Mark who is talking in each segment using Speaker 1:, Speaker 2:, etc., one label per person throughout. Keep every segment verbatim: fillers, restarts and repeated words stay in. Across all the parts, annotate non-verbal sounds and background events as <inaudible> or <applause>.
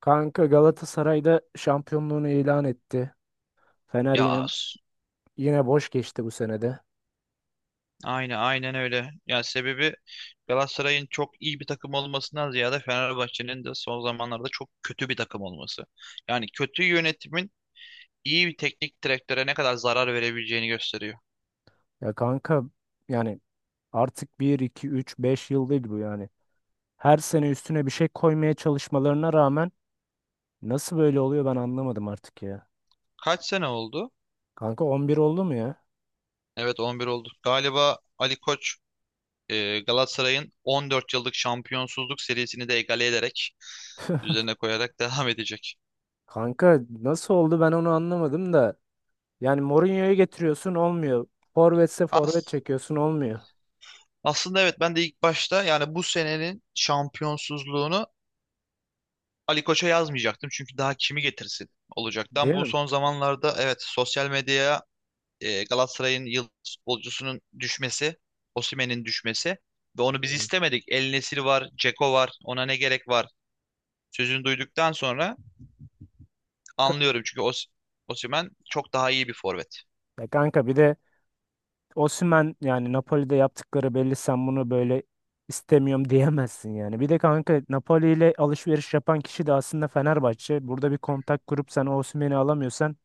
Speaker 1: Kanka Galatasaray'da şampiyonluğunu ilan etti. Fener
Speaker 2: Ya
Speaker 1: yine
Speaker 2: as-
Speaker 1: yine boş geçti bu senede.
Speaker 2: aynı aynen öyle. Ya sebebi Galatasaray'ın çok iyi bir takım olmasından ziyade Fenerbahçe'nin de son zamanlarda çok kötü bir takım olması. Yani kötü yönetimin iyi bir teknik direktöre ne kadar zarar verebileceğini gösteriyor.
Speaker 1: Ya kanka, yani artık bir iki üç beş yıl değil bu yani. Her sene üstüne bir şey koymaya çalışmalarına rağmen nasıl böyle oluyor ben anlamadım artık ya.
Speaker 2: Kaç sene oldu?
Speaker 1: Kanka on bir oldu mu ya?
Speaker 2: Evet, on bir oldu. Galiba Ali Koç e, Galatasaray'ın on dört yıllık şampiyonsuzluk serisini de egale ederek
Speaker 1: <laughs>
Speaker 2: üzerine koyarak <laughs> devam edecek.
Speaker 1: Kanka nasıl oldu ben onu anlamadım da. Yani Mourinho'yu getiriyorsun olmuyor. Forvetse forvet
Speaker 2: As-
Speaker 1: çekiyorsun olmuyor.
Speaker 2: Aslında evet, ben de ilk başta yani bu senenin şampiyonsuzluğunu Ali Koç'a yazmayacaktım çünkü daha kimi getirsin olacaktı. Ama
Speaker 1: Değil
Speaker 2: bu
Speaker 1: mi?
Speaker 2: son zamanlarda evet, sosyal medyaya e, Galatasaray'ın yıldız futbolcusunun düşmesi, Osimhen'in düşmesi ve onu biz
Speaker 1: Hmm.
Speaker 2: istemedik. El Nesiri var, Ceko var, ona ne gerek var sözünü duyduktan sonra
Speaker 1: Ka-
Speaker 2: anlıyorum çünkü Os Osimhen çok daha iyi bir forvet.
Speaker 1: Ya kanka bir de Osimhen, yani Napoli'de yaptıkları belli, sen bunu böyle istemiyorum diyemezsin yani. Bir de kanka Napoli ile alışveriş yapan kişi de aslında Fenerbahçe. Burada bir kontak kurup sen Osimhen'i alamıyorsan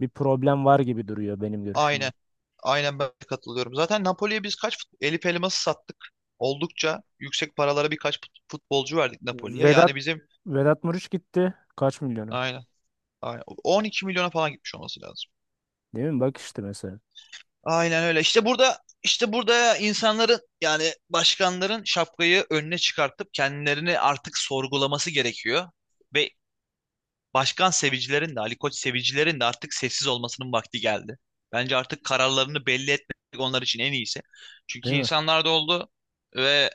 Speaker 1: bir problem var gibi duruyor benim görüşümde.
Speaker 2: Aynen. Aynen, ben de katılıyorum. Zaten Napoli'ye biz kaç fut- Elif Elmas'ı sattık. Oldukça yüksek paralara birkaç fut- futbolcu verdik Napoli'ye.
Speaker 1: Vedat
Speaker 2: Yani bizim
Speaker 1: Vedat Muriç gitti. Kaç milyonu?
Speaker 2: Aynen. Aynen. on iki milyona falan gitmiş olması lazım.
Speaker 1: Değil mi? Bak işte mesela.
Speaker 2: Aynen öyle. İşte burada işte burada insanların yani başkanların şapkayı önüne çıkartıp kendilerini artık sorgulaması gerekiyor. Ve başkan sevicilerin de Ali Koç sevicilerin de artık sessiz olmasının vakti geldi. Bence artık kararlarını belli etmek onlar için en iyisi. Çünkü
Speaker 1: Değil mi?
Speaker 2: insanlar da oldu ve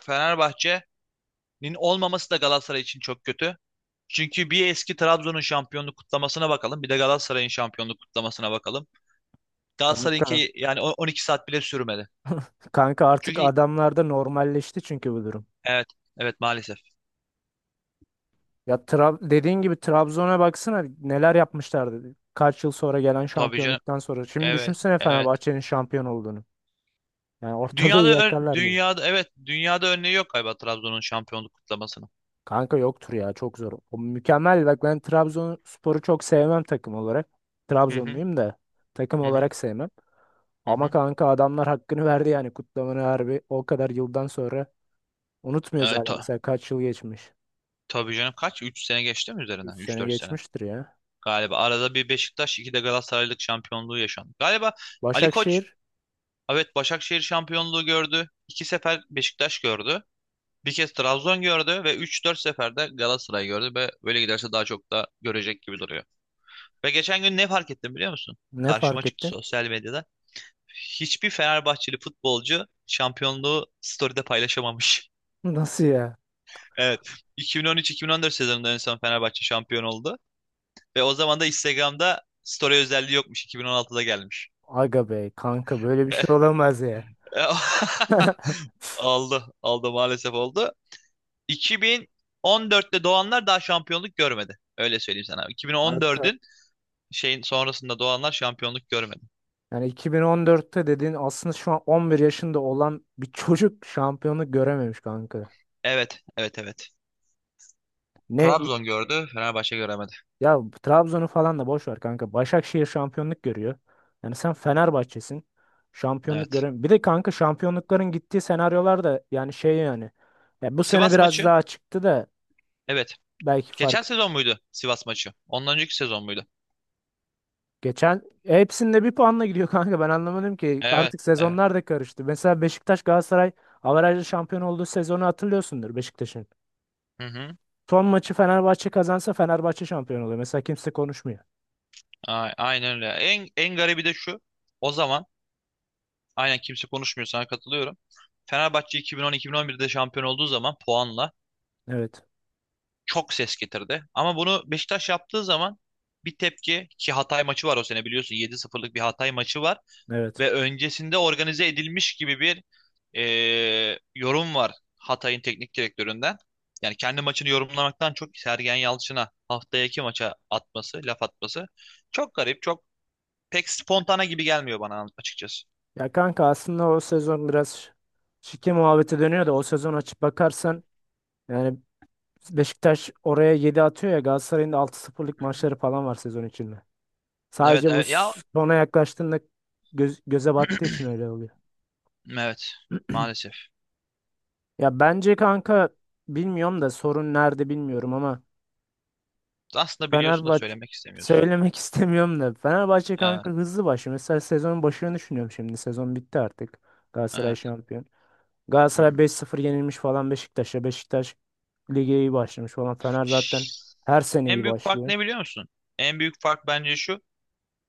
Speaker 2: Fenerbahçe'nin olmaması da Galatasaray için çok kötü. Çünkü bir eski Trabzon'un şampiyonluk kutlamasına bakalım, bir de Galatasaray'ın şampiyonluk kutlamasına bakalım.
Speaker 1: Kanka,
Speaker 2: Galatasaray'ınki yani o- on iki saat bile sürmedi.
Speaker 1: kanka artık
Speaker 2: Çünkü
Speaker 1: adamlarda normalleşti çünkü bu durum.
Speaker 2: evet, evet, maalesef.
Speaker 1: Ya Tra- dediğin gibi Trabzon'a baksana, neler yapmışlardı. Kaç yıl sonra gelen
Speaker 2: Tabii canım.
Speaker 1: şampiyonluktan sonra. Şimdi
Speaker 2: Evet,
Speaker 1: düşünsene
Speaker 2: evet.
Speaker 1: Fenerbahçe'nin şampiyon olduğunu. Yani ortalığı
Speaker 2: Dünyada ön-
Speaker 1: yakarlar gibi.
Speaker 2: dünyada Evet, dünyada örneği yok galiba Trabzon'un şampiyonluk kutlamasının.
Speaker 1: Kanka yoktur ya, çok zor. O mükemmel. Bak ben Trabzonspor'u çok sevmem takım olarak.
Speaker 2: Hı hı
Speaker 1: Trabzonluyum da takım
Speaker 2: hı hı.
Speaker 1: olarak sevmem.
Speaker 2: Hı
Speaker 1: Ama
Speaker 2: hı.
Speaker 1: kanka adamlar hakkını verdi yani kutlamanın, harbi o kadar yıldan sonra unutmuyoruz
Speaker 2: Evet,
Speaker 1: hala,
Speaker 2: ta-
Speaker 1: mesela kaç yıl geçmiş.
Speaker 2: tabii canım, kaç, üç sene geçti mi
Speaker 1: üç
Speaker 2: üzerinden?
Speaker 1: sene
Speaker 2: üç dört sene.
Speaker 1: geçmiştir ya.
Speaker 2: Galiba arada bir Beşiktaş, iki de Galatasaraylık şampiyonluğu yaşandı. Galiba Ali Koç
Speaker 1: Başakşehir
Speaker 2: evet, Başakşehir şampiyonluğu gördü. İki sefer Beşiktaş gördü. Bir kez Trabzon gördü ve üç dört sefer de Galatasaray gördü ve böyle giderse daha çok da görecek gibi duruyor. Ve geçen gün ne fark ettim biliyor musun?
Speaker 1: ne
Speaker 2: Karşıma
Speaker 1: fark
Speaker 2: çıktı
Speaker 1: ettin?
Speaker 2: sosyal medyada. Hiçbir Fenerbahçeli futbolcu şampiyonluğu story'de paylaşamamış. <laughs>
Speaker 1: <laughs> Nasıl ya?
Speaker 2: Evet. iki bin on üç-iki bin on dört sezonunda en son Fenerbahçe şampiyon oldu. Ve o zaman da Instagram'da story özelliği yokmuş. iki bin on altıda gelmiş.
Speaker 1: Aga bey kanka böyle bir şey olamaz ya.
Speaker 2: <laughs>
Speaker 1: <laughs>
Speaker 2: Oldu. Oldu, maalesef oldu. iki bin on dörtte doğanlar daha şampiyonluk görmedi. Öyle söyleyeyim sana.
Speaker 1: Kanka
Speaker 2: iki bin on dördün şeyin sonrasında doğanlar şampiyonluk görmedi.
Speaker 1: yani iki bin on dörtte dediğin aslında şu an on bir yaşında olan bir çocuk şampiyonluk görememiş kanka.
Speaker 2: Evet, evet, evet.
Speaker 1: Ne
Speaker 2: Trabzon gördü, Fenerbahçe göremedi.
Speaker 1: ya, Trabzon'u falan da boş ver kanka. Başakşehir şampiyonluk görüyor. Yani sen Fenerbahçe'sin. Şampiyonluk
Speaker 2: Evet.
Speaker 1: görün. Bir de kanka şampiyonlukların gittiği senaryolar da yani şey yani. Ya bu sene
Speaker 2: Sivas
Speaker 1: biraz
Speaker 2: maçı.
Speaker 1: daha çıktı da
Speaker 2: Evet.
Speaker 1: belki
Speaker 2: Geçen
Speaker 1: fark
Speaker 2: sezon muydu Sivas maçı? Ondan önceki sezon muydu?
Speaker 1: geçen e, hepsinde bir puanla gidiyor <laughs> kanka. Ben anlamadım ki,
Speaker 2: Evet.
Speaker 1: artık
Speaker 2: Evet.
Speaker 1: sezonlar da karıştı. Mesela Beşiktaş Galatasaray averajlı şampiyon olduğu sezonu hatırlıyorsundur, Beşiktaş'ın.
Speaker 2: Hı hı.
Speaker 1: Son maçı Fenerbahçe kazansa Fenerbahçe şampiyon oluyor. Mesela kimse konuşmuyor.
Speaker 2: A- Aynen öyle. En, en garibi de şu. O zaman aynen kimse konuşmuyor, sana katılıyorum. Fenerbahçe iki bin on iki bin on birde şampiyon olduğu zaman puanla
Speaker 1: Evet.
Speaker 2: çok ses getirdi. Ama bunu Beşiktaş yaptığı zaman bir tepki, ki Hatay maçı var o sene, biliyorsun yedi sıfırlık bir Hatay maçı var.
Speaker 1: Evet.
Speaker 2: Ve öncesinde organize edilmiş gibi bir e, yorum var Hatay'ın teknik direktöründen. Yani kendi maçını yorumlamaktan çok Sergen Yalçın'a haftaki maça atması, laf atması çok garip, çok pek spontane gibi gelmiyor bana açıkçası.
Speaker 1: Ya kanka aslında o sezon biraz şike muhabbeti dönüyor da, o sezon açıp bakarsan yani Beşiktaş oraya yedi atıyor ya, Galatasaray'ın da altı sıfırlık
Speaker 2: Hı hı.
Speaker 1: maçları falan var sezon içinde.
Speaker 2: Evet,
Speaker 1: Sadece bu
Speaker 2: evet ya,
Speaker 1: sona yaklaştığında göz- göze battığı için öyle oluyor.
Speaker 2: evet, maalesef.
Speaker 1: Ya bence kanka bilmiyorum da, sorun nerede bilmiyorum ama
Speaker 2: Aslında biliyorsun da
Speaker 1: Fenerbahçe
Speaker 2: söylemek istemiyorsun.
Speaker 1: söylemek <laughs> istemiyorum da, Fenerbahçe
Speaker 2: Evet,
Speaker 1: kanka hızlı başlıyor. Mesela sezonun başını düşünüyorum şimdi. Sezon bitti artık. Galatasaray
Speaker 2: evet.
Speaker 1: şampiyon.
Speaker 2: Hı hı.
Speaker 1: Galatasaray beş sıfır yenilmiş falan Beşiktaş'a. Beşiktaş lige iyi başlamış falan. Fener zaten
Speaker 2: Şşş.
Speaker 1: her sene
Speaker 2: En
Speaker 1: iyi
Speaker 2: büyük fark
Speaker 1: başlıyor.
Speaker 2: ne biliyor musun? En büyük fark bence şu: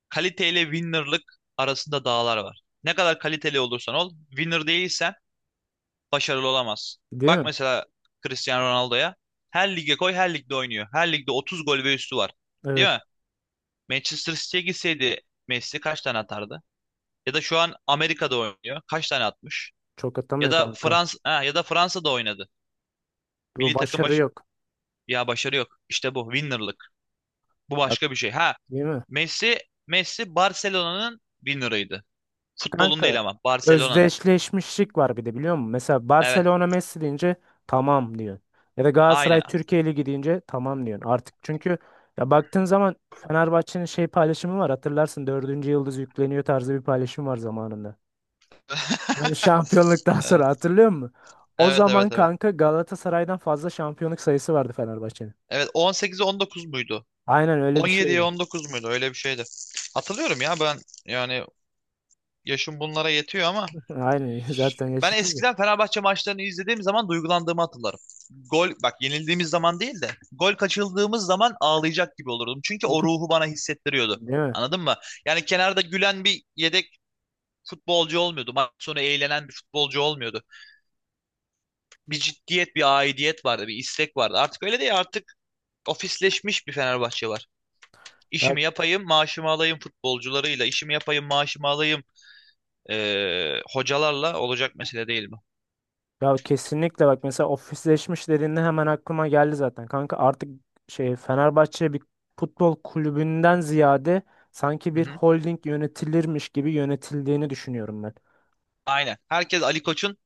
Speaker 2: kaliteyle winner'lık arasında dağlar var. Ne kadar kaliteli olursan ol, winner değilsen başarılı olamazsın.
Speaker 1: Değil
Speaker 2: Bak
Speaker 1: mi?
Speaker 2: mesela Cristiano Ronaldo'ya. Her lige koy, her ligde oynuyor. Her ligde otuz gol ve üstü var. Değil
Speaker 1: Evet.
Speaker 2: mi? Manchester City'ye gitseydi Messi kaç tane atardı? Ya da şu an Amerika'da oynuyor. Kaç tane atmış?
Speaker 1: Çok
Speaker 2: Ya
Speaker 1: atamıyor
Speaker 2: da
Speaker 1: kanka.
Speaker 2: Fransa ha, ya da Fransa'da oynadı.
Speaker 1: Bu
Speaker 2: Milli takım
Speaker 1: başarı
Speaker 2: baş
Speaker 1: yok.
Speaker 2: Ya, başarı yok. İşte bu winner'lık. Bu
Speaker 1: Ha,
Speaker 2: başka bir şey. Ha,
Speaker 1: değil mi?
Speaker 2: Messi Messi Barcelona'nın winner'ıydı. Futbolun
Speaker 1: Kanka
Speaker 2: değil ama Barcelona'nın.
Speaker 1: özdeşleşmişlik var bir de biliyor musun? Mesela
Speaker 2: Evet.
Speaker 1: Barcelona Messi deyince tamam diyorsun. Ya da Galatasaray
Speaker 2: Aynen.
Speaker 1: Türkiye Ligi deyince tamam diyorsun. Artık çünkü ya baktığın zaman Fenerbahçe'nin şey paylaşımı var. Hatırlarsın, dördüncü yıldız yükleniyor tarzı bir paylaşım var zamanında. Hani
Speaker 2: <laughs>
Speaker 1: şampiyonluktan sonra, hatırlıyor musun? O
Speaker 2: Evet, evet,
Speaker 1: zaman
Speaker 2: evet. Evet,
Speaker 1: kanka Galatasaray'dan fazla şampiyonluk sayısı vardı Fenerbahçe'nin.
Speaker 2: evet, on sekize on dokuz muydu?
Speaker 1: Aynen öyle bir
Speaker 2: on yediye
Speaker 1: şeydi.
Speaker 2: on dokuz muydu? Öyle bir şeydi. Hatırlıyorum ya, ben yani yaşım bunlara yetiyor ama
Speaker 1: <laughs> Aynen, <laughs> zaten
Speaker 2: ben
Speaker 1: yaşıtız ya.
Speaker 2: eskiden Fenerbahçe maçlarını izlediğim zaman duygulandığımı hatırlarım. Gol, bak, yenildiğimiz zaman değil de gol kaçırdığımız zaman ağlayacak gibi olurdum. Çünkü o
Speaker 1: <laughs>
Speaker 2: ruhu bana hissettiriyordu.
Speaker 1: Değil mi?
Speaker 2: Anladın mı? Yani kenarda gülen bir yedek futbolcu olmuyordu. Maç sonu eğlenen bir futbolcu olmuyordu. Bir ciddiyet, bir aidiyet vardı, bir istek vardı. Artık öyle değil. Artık ofisleşmiş bir Fenerbahçe var.
Speaker 1: Ya,
Speaker 2: İşimi yapayım, maaşımı alayım futbolcularıyla, işimi yapayım, maaşımı alayım eee, hocalarla olacak mesele, değil mi?
Speaker 1: ya kesinlikle, bak mesela ofisleşmiş dediğinde hemen aklıma geldi zaten. Kanka artık şey, Fenerbahçe bir futbol kulübünden ziyade sanki
Speaker 2: Hı
Speaker 1: bir
Speaker 2: hı.
Speaker 1: holding yönetilirmiş gibi yönetildiğini düşünüyorum ben.
Speaker 2: Aynen. Herkes Ali Koç'un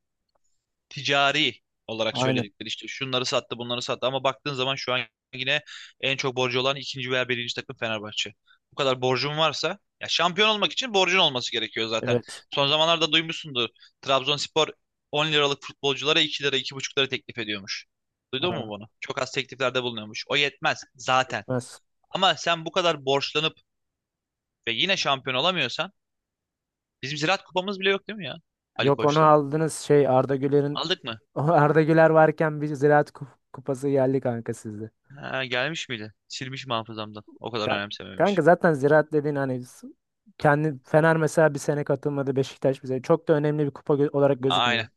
Speaker 2: ticari olarak
Speaker 1: Aynen.
Speaker 2: söyledikleri, işte şunları sattı, bunları sattı, ama baktığın zaman şu an yine en çok borcu olan ikinci veya birinci takım Fenerbahçe. Bu kadar borcun varsa, ya şampiyon olmak için borcun olması gerekiyor zaten.
Speaker 1: Evet.
Speaker 2: Son zamanlarda duymuşsundur. Trabzonspor on liralık futbolculara iki lira iki buçuk lira teklif ediyormuş. Duydun mu
Speaker 1: Aa,
Speaker 2: bunu? Çok az tekliflerde bulunuyormuş. O yetmez zaten.
Speaker 1: gitmez.
Speaker 2: Ama sen bu kadar borçlanıp ve yine şampiyon olamıyorsan, bizim Ziraat Kupamız bile yok, değil mi ya? Ali
Speaker 1: Yok onu
Speaker 2: Koçla
Speaker 1: aldınız şey Arda Güler'in
Speaker 2: Aldık mı?
Speaker 1: <laughs> Arda Güler varken bir Ziraat Kup- Kupası geldi kanka sizden.
Speaker 2: Ha, gelmiş miydi? Silmişim hafızamdan. O kadar
Speaker 1: Ka- Kanka
Speaker 2: önemsememişim.
Speaker 1: zaten ziraat dediğin hani s- kendi Fener mesela bir sene katılmadı Beşiktaş, bize çok da önemli bir kupa gö- olarak gözükmüyor.
Speaker 2: Aynen.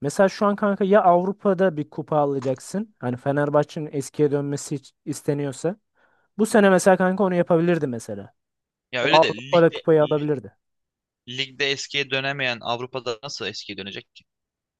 Speaker 1: Mesela şu an kanka ya Avrupa'da bir kupa alacaksın. Hani Fenerbahçe'nin eskiye dönmesi iç- isteniyorsa. Bu sene mesela kanka onu yapabilirdi mesela.
Speaker 2: Ya
Speaker 1: O
Speaker 2: öyle de
Speaker 1: Avrupa'da
Speaker 2: ligde
Speaker 1: kupayı
Speaker 2: li-
Speaker 1: alabilirdi.
Speaker 2: ligde eskiye dönemeyen Avrupa'da nasıl eskiye dönecek ki?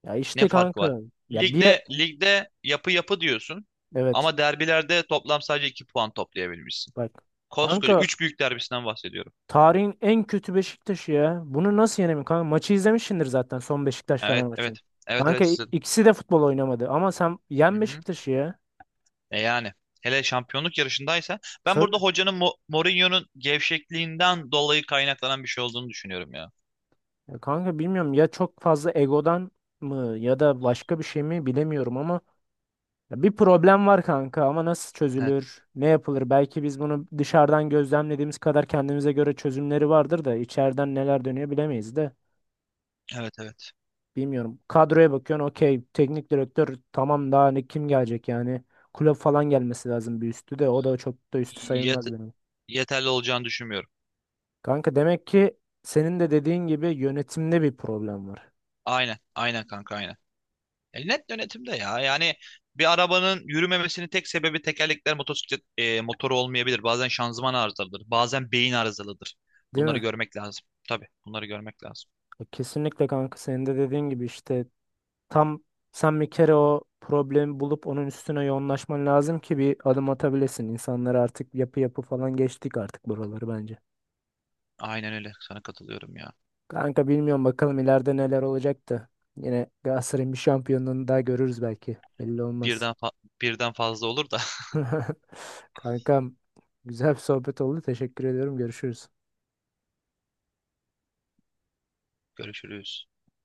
Speaker 1: Ya
Speaker 2: Ne
Speaker 1: işte
Speaker 2: farkı var?
Speaker 1: kanka. Ya bir
Speaker 2: Ligde ligde yapı yapı diyorsun
Speaker 1: evet
Speaker 2: ama derbilerde toplam sadece iki puan toplayabilmişsin.
Speaker 1: bak
Speaker 2: Koskoca
Speaker 1: kanka,
Speaker 2: üç büyük derbisinden bahsediyorum.
Speaker 1: tarihin en kötü Beşiktaş'ı ya. Bunu nasıl yenemiyor? Kanka maçı izlemişsindir zaten son Beşiktaş Fener
Speaker 2: Evet,
Speaker 1: maçını.
Speaker 2: evet. Evet,
Speaker 1: Kanka
Speaker 2: evet
Speaker 1: i-
Speaker 2: sizin.
Speaker 1: ikisi de futbol oynamadı ama sen
Speaker 2: Hı
Speaker 1: yen
Speaker 2: hı.
Speaker 1: Beşiktaş'ı ya.
Speaker 2: E yani, hele şampiyonluk yarışındaysa, ben burada
Speaker 1: Tabii.
Speaker 2: hocanın Mo- Mourinho'nun gevşekliğinden dolayı kaynaklanan bir şey olduğunu düşünüyorum ya.
Speaker 1: Ya kanka bilmiyorum ya, çok fazla egodan mı ya da başka bir şey mi bilemiyorum ama ya bir problem var kanka, ama nasıl
Speaker 2: Evet,
Speaker 1: çözülür? Ne yapılır? Belki biz bunu dışarıdan gözlemlediğimiz kadar kendimize göre çözümleri vardır da, içeriden neler dönüyor bilemeyiz de.
Speaker 2: evet,
Speaker 1: Bilmiyorum. Kadroya bakıyorsun, okey. Teknik direktör tamam, daha ne, kim gelecek yani. Kulüp falan gelmesi lazım bir üstü de. O da çok da üstü
Speaker 2: evet.
Speaker 1: sayılmaz benim.
Speaker 2: Yeterli olacağını düşünmüyorum.
Speaker 1: Kanka demek ki senin de dediğin gibi yönetimde bir problem var.
Speaker 2: Aynen, aynen kanka, aynen. E, net yönetimde ya. Yani bir arabanın yürümemesinin tek sebebi tekerlekler, motosiklet e, motoru olmayabilir. Bazen şanzıman arızalıdır. Bazen beyin arızalıdır.
Speaker 1: Değil
Speaker 2: Bunları
Speaker 1: mi?
Speaker 2: görmek lazım. Tabii bunları görmek lazım.
Speaker 1: E, kesinlikle kanka, senin de dediğin gibi işte, tam sen bir kere o problemi bulup onun üstüne yoğunlaşman lazım ki bir adım atabilesin. İnsanlar artık yapı yapı falan, geçtik artık buraları bence.
Speaker 2: Aynen öyle. Sana katılıyorum ya.
Speaker 1: Kanka bilmiyorum, bakalım ileride neler olacak da. Yine Galatasaray'ın bir şampiyonluğunu daha görürüz belki. Belli olmaz.
Speaker 2: Birden fa- Birden fazla olur da
Speaker 1: <laughs> Kankam, güzel bir sohbet oldu. Teşekkür ediyorum. Görüşürüz.
Speaker 2: <laughs> görüşürüz.